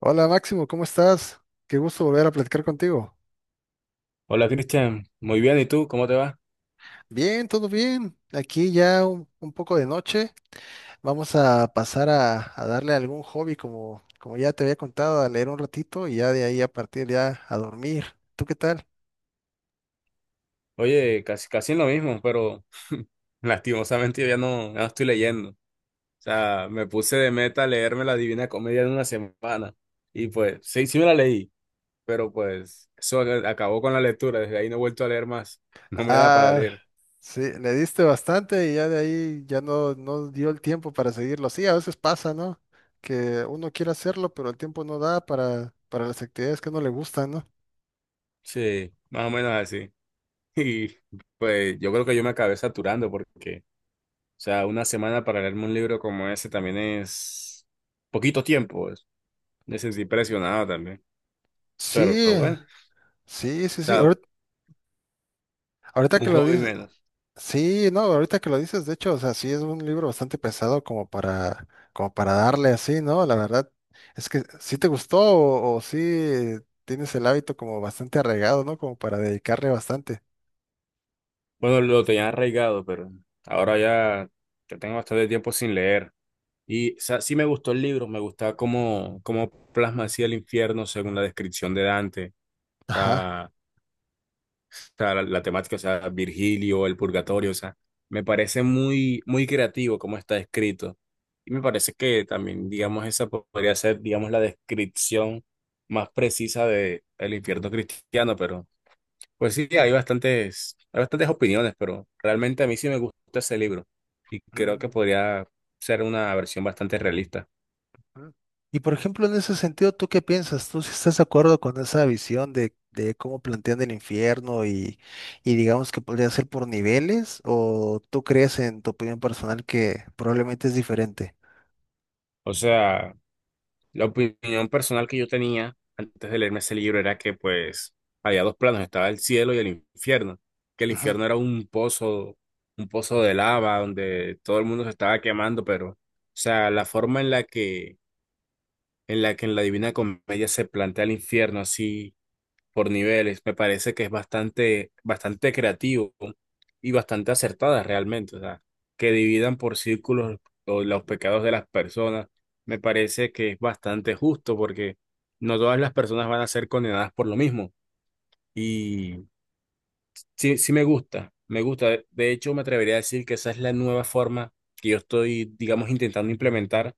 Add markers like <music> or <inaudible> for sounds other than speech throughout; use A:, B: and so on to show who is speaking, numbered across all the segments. A: Hola, Máximo, ¿cómo estás? Qué gusto volver a platicar contigo.
B: Hola Cristian, muy bien, ¿y tú? ¿Cómo te va?
A: Bien, todo bien. Aquí ya un poco de noche. Vamos a pasar a darle algún hobby como, como ya te había contado, a leer un ratito y ya de ahí a partir ya a dormir. ¿Tú qué tal?
B: Oye, casi, casi en lo mismo, pero <laughs> lastimosamente yo ya no estoy leyendo. O sea, me puse de meta leerme la Divina Comedia en una semana y pues sí, sí me la leí, pero pues acabó con la lectura, desde ahí no he vuelto a leer más, no me da para
A: Ah,
B: leer.
A: sí, le diste bastante y ya de ahí ya no, no dio el tiempo para seguirlo. Sí, a veces pasa, ¿no? Que uno quiere hacerlo, pero el tiempo no da para las actividades que no le gustan, ¿no?
B: Sí, más o menos así. <laughs> Y pues yo creo que yo me acabé saturando porque, o sea, una semana para leerme un libro como ese también es poquito tiempo, pues. Me sentí presionado también. Pero
A: Sí,
B: bueno.
A: sí,
B: O
A: sí, sí.
B: sea,
A: Ahorita
B: un
A: que lo
B: hobby
A: dices.
B: menos.
A: Sí, no, ahorita que lo dices, de hecho, o sea, sí es un libro bastante pesado como para darle así, ¿no? La verdad, es que sí te gustó o sí tienes el hábito como bastante arraigado, ¿no? Como para dedicarle bastante.
B: Bueno, lo tenía arraigado, pero ahora ya te tengo bastante tiempo sin leer. Y, o sea, sí me gustó el libro, me gustaba cómo, cómo plasma así el infierno según la descripción de Dante. O
A: Ajá.
B: sea, o sea, la temática, o sea, Virgilio, el purgatorio, o sea, me parece muy, muy creativo cómo está escrito. Y me parece que también, digamos, esa podría ser, digamos, la descripción más precisa de el infierno cristiano, pero pues sí, hay bastantes opiniones, pero realmente a mí sí me gusta ese libro y creo que
A: Mm,
B: podría ser una versión bastante realista.
A: mm. Y por ejemplo, en ese sentido, ¿tú qué piensas? ¿Tú sí estás de acuerdo con esa visión de cómo plantean el infierno y digamos que podría ser por niveles? ¿O tú crees en tu opinión personal que probablemente es diferente?
B: O sea, la opinión personal que yo tenía antes de leerme ese libro era que pues había dos planos, estaba el cielo y el infierno, que el infierno era un pozo de lava donde todo el mundo se estaba quemando, pero, o sea, la forma en la que, en la Divina Comedia se plantea el infierno así por niveles. Me parece que es bastante, bastante creativo y bastante acertada realmente. O sea, que dividan por círculos o los pecados de las personas, me parece que es bastante justo porque no todas las personas van a ser condenadas por lo mismo. Y sí, sí me gusta, me gusta. De hecho, me atrevería a decir que esa es la nueva forma que yo estoy, digamos, intentando implementar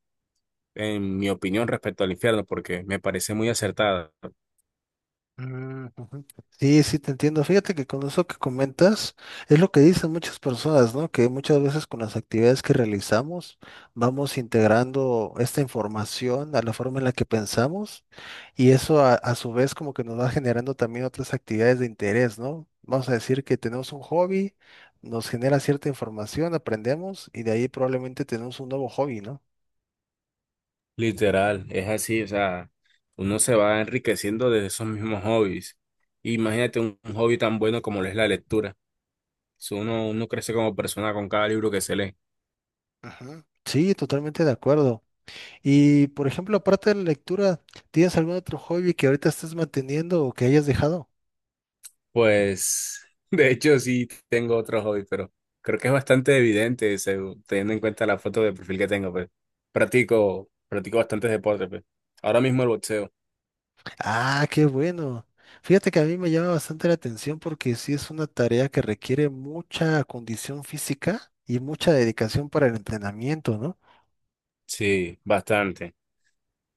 B: en mi opinión respecto al infierno, porque me parece muy acertada.
A: Mm, ujú. Sí, sí, te entiendo. Fíjate que con eso que comentas es lo que dicen muchas personas, ¿no? Que muchas veces con las actividades que realizamos vamos integrando esta información a la forma en la que pensamos y eso a su vez como que nos va generando también otras actividades de interés, ¿no? Vamos a decir que tenemos un hobby, nos genera cierta información, aprendemos y de ahí probablemente tenemos un nuevo hobby, ¿no?
B: Literal, es así, o sea, uno se va enriqueciendo de esos mismos hobbies. Imagínate un hobby tan bueno como lo es la lectura. Si uno crece como persona con cada libro que se lee.
A: Ujú. Sí, totalmente de acuerdo. Y, por ejemplo, aparte de la lectura, ¿tienes algún otro hobby que ahorita estés manteniendo o que hayas dejado?
B: Pues, <laughs> de hecho, sí tengo otro hobby, pero creo que es bastante evidente, teniendo en cuenta la foto de perfil que tengo, pues. Practico, practico bastantes deportes, pues. Ahora mismo el boxeo.
A: Ah, qué bueno. Fíjate que a mí me llama bastante la atención porque sí es una tarea que requiere mucha condición física y mucha dedicación para el entrenamiento, ¿no?
B: Sí, bastante.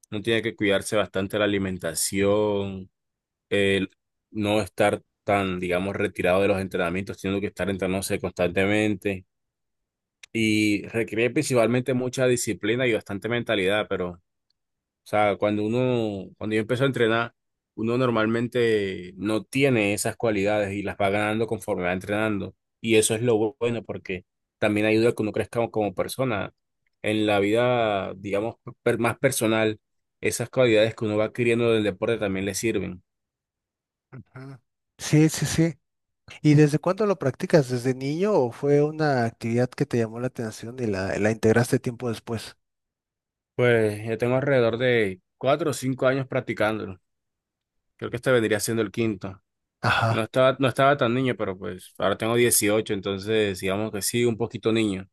B: Uno tiene que cuidarse bastante la alimentación, el no estar tan, digamos, retirado de los entrenamientos, teniendo que estar entrenándose constantemente y requiere principalmente mucha disciplina y bastante mentalidad, pero, o sea, cuando yo empecé a entrenar, uno normalmente no tiene esas cualidades y las va ganando conforme va entrenando y eso es lo bueno porque también ayuda a que uno crezca como persona. En la vida, digamos, más personal, esas cualidades que uno va adquiriendo del deporte también le sirven.
A: Ujú. Sí, sí, sí. ¿Y desde cuándo lo practicas? ¿Desde niño o fue una actividad que te llamó la atención y la integraste tiempo después?
B: Pues yo tengo alrededor de 4 o 5 años practicándolo. Creo que este vendría siendo el quinto. No
A: Ajá.
B: estaba, no estaba tan niño, pero pues ahora tengo 18, entonces digamos que sí, un poquito niño,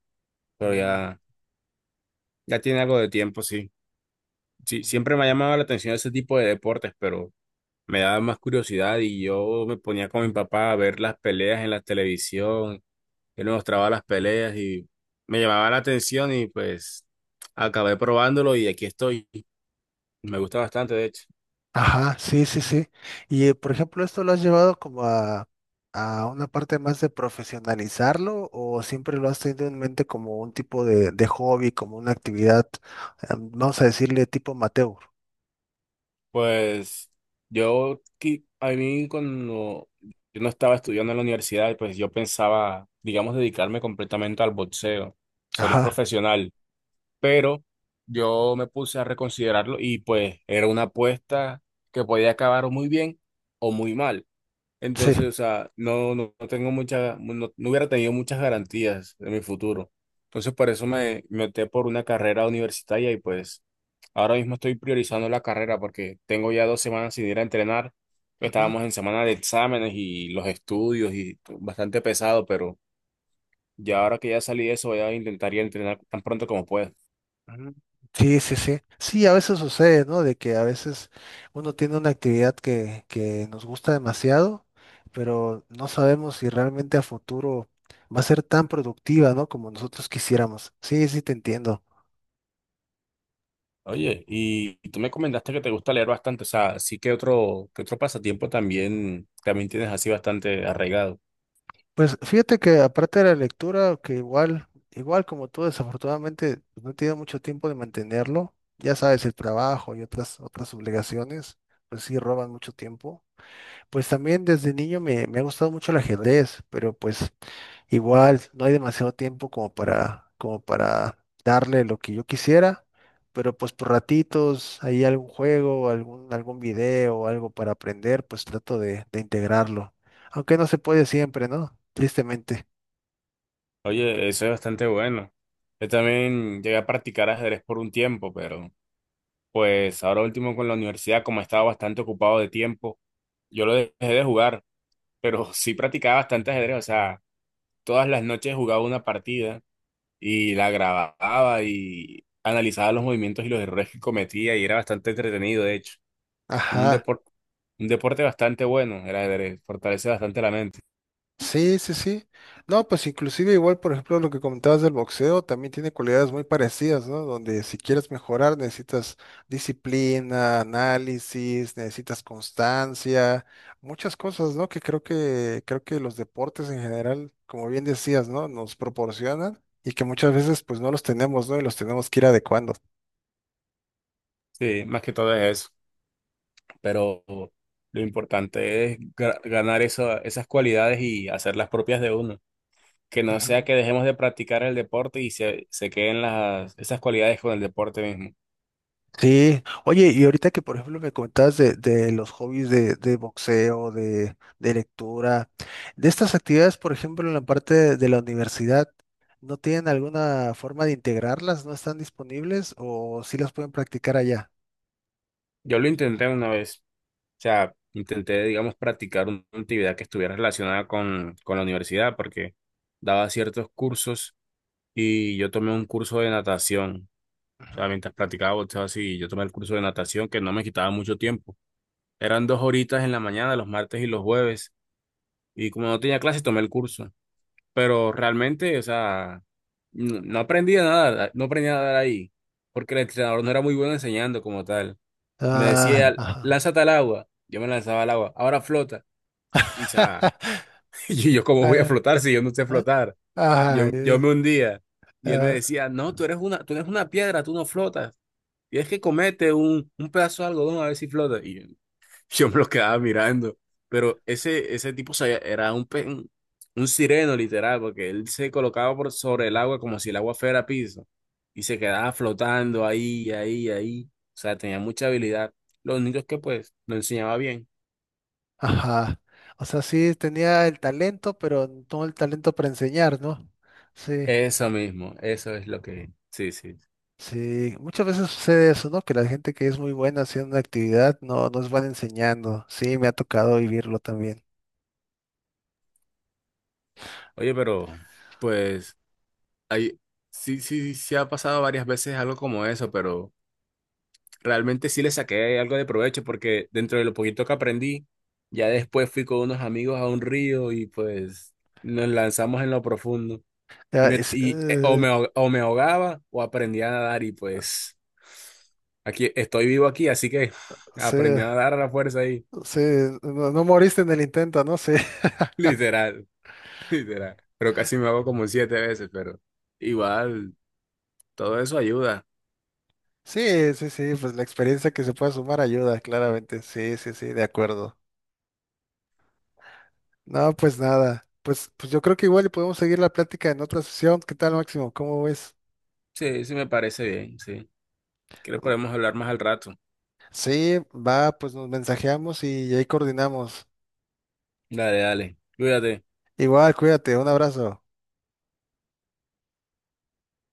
B: pero
A: Mm.
B: ya, ya tiene algo de tiempo, sí. Sí, siempre me ha llamado la atención ese tipo de deportes, pero me daba más curiosidad y yo me ponía con mi papá a ver las peleas en la televisión, él me mostraba las peleas y me llamaba la atención y pues acabé probándolo y aquí estoy. Me gusta bastante, de hecho.
A: Ajá, sí, sí, sí. Y por ejemplo, ¿esto lo has llevado como a una parte más de profesionalizarlo o siempre lo has tenido en mente como un tipo de hobby, como una actividad, vamos a decirle tipo amateur?
B: Pues a mí cuando yo no estaba estudiando en la universidad, pues yo pensaba, digamos, dedicarme completamente al boxeo, ser
A: Ajá,
B: profesional, pero yo me puse a reconsiderarlo y pues era una apuesta que podía acabar muy bien o muy mal.
A: sí.
B: Entonces, o sea, no, no, no tengo mucha, no, no hubiera tenido muchas garantías de mi futuro. Entonces, por eso me opté por una carrera universitaria y pues ahora mismo estoy priorizando la carrera porque tengo ya 2 semanas sin ir a entrenar.
A: Ujú,
B: Estábamos en semana de exámenes y los estudios y bastante pesado, pero ya ahora que ya salí de eso voy a intentar ir a entrenar tan pronto como pueda.
A: ujú. Sí, sí, sí. Sí, a veces sucede, ¿no? De que a veces uno tiene una actividad que nos gusta demasiado, pero no sabemos si realmente a futuro va a ser tan productiva, ¿no? Como nosotros quisiéramos. Sí, sí, te entiendo.
B: Oye, y tú me comentaste que te gusta leer bastante, o sea, sí que otro pasatiempo también, también tienes así bastante arraigado.
A: Pues fíjate que aparte de la lectura, que igual como tú, desafortunadamente pues, no he tenido mucho tiempo de mantenerlo, ya sabes, el trabajo y otras, otras obligaciones, pues sí roban mucho tiempo. Pues también desde niño me ha gustado mucho el ajedrez, pero pues igual, no hay demasiado tiempo como para darle lo que yo quisiera, pero pues por ratitos, hay algún juego, algún, algún video, algo para aprender, pues trato de integrarlo. Aunque no se puede siempre, ¿no? Tristemente.
B: Oye, eso es bastante bueno. Yo también llegué a practicar ajedrez por un tiempo, pero pues ahora último con la universidad, como estaba bastante ocupado de tiempo, yo lo dejé de jugar, pero <laughs> sí practicaba bastante ajedrez, o sea, todas las noches jugaba una partida y la grababa y analizaba los movimientos y los errores que cometía y era bastante entretenido, de hecho. Un
A: Ajá.
B: deporte, un deporte bastante bueno, el ajedrez, fortalece bastante la mente.
A: Sí, sí, sí. No, pues inclusive igual, por ejemplo, lo que comentabas del boxeo también tiene cualidades muy parecidas, ¿no? Donde si quieres mejorar necesitas disciplina, análisis, necesitas constancia, muchas cosas, ¿no? Que creo que los deportes en general, como bien decías, ¿no? Nos proporcionan y que muchas veces pues no los tenemos, ¿no? Y los tenemos que ir adecuando.
B: Sí, más que todo es eso. Pero lo importante es ganar esas cualidades y hacerlas propias de uno. Que no sea
A: Ujú.
B: que dejemos de practicar el deporte y se queden las, esas cualidades con el deporte mismo.
A: Sí, oye, y ahorita que por ejemplo me comentabas de los hobbies de boxeo, de lectura, de estas actividades, por ejemplo, en la parte de la universidad, ¿no tienen alguna forma de integrarlas? ¿No están disponibles o sí las pueden practicar allá?
B: Yo lo intenté una vez, o sea, intenté, digamos, practicar una actividad que estuviera relacionada con la universidad, porque daba ciertos cursos y yo tomé un curso de natación. O
A: Ujú.
B: sea, mientras practicaba boxeo así, yo tomé el curso de natación que no me quitaba mucho tiempo. Eran 2 horitas en la mañana, los martes y los jueves. Y como no tenía clases, tomé el curso. Pero realmente, o sea, no, no aprendí nada ahí. Porque el entrenador no era muy bueno enseñando como tal. Me
A: Ah,
B: decía,
A: ajá.
B: lánzate al agua. Yo me lanzaba al agua. Ahora flota. Y ya,
A: <laughs>
B: <laughs> y yo, ¿cómo voy a
A: Ah,
B: flotar si yo no sé flotar?
A: ah,
B: Y
A: ah,
B: yo me hundía. Y él me
A: ah,
B: decía, no, tú eres una piedra, tú no flotas. Tienes que comete un pedazo de algodón a ver si flota. Y yo, <laughs> yo me lo quedaba mirando. Pero ese tipo era un, un sireno, literal, porque él se colocaba por sobre el agua como si el agua fuera piso. Y se quedaba flotando ahí, ahí, ahí. O sea, tenía mucha habilidad. Lo único es que, pues, lo enseñaba bien.
A: ajá. O sea, sí tenía el talento, pero no el talento para enseñar, ¿no? Sí.
B: Eso mismo, eso es lo que. Sí, sí.
A: Sí, muchas veces sucede eso, ¿no? Que la gente que es muy buena haciendo una actividad no, no es buena enseñando. Sí, me ha tocado vivirlo también.
B: Oye, pero, pues, ahí sí, sí, sí ha pasado varias veces algo como eso, pero realmente sí le saqué algo de provecho porque dentro de lo poquito que aprendí, ya después fui con unos amigos a un río y pues nos lanzamos en lo profundo.
A: Ya, es-
B: O me ahogaba o aprendí a nadar y pues aquí estoy vivo aquí, así que <laughs>
A: sí,
B: aprendí a nadar a la fuerza ahí. <laughs>
A: sí, no, no moriste en el intento, ¿no? Sí, <laughs>
B: Literal, literal. Pero casi me hago como siete veces, pero igual, todo eso ayuda.
A: sí, sí, sí, pues la experiencia que se pueda sumar ayuda, claramente. Sí, sí, sí, de acuerdo. No, pues nada, pues, pues yo creo que igual y podemos seguir la plática en otra sesión. ¿Qué tal, Máximo? ¿Cómo ves?
B: Sí, sí me parece bien, sí. ¿Quieres podemos hablar más al rato?
A: Sí, va, pues nos mensajeamos y ahí coordinamos.
B: Dale, dale. Cuídate.
A: Igual, cuídate, un abrazo.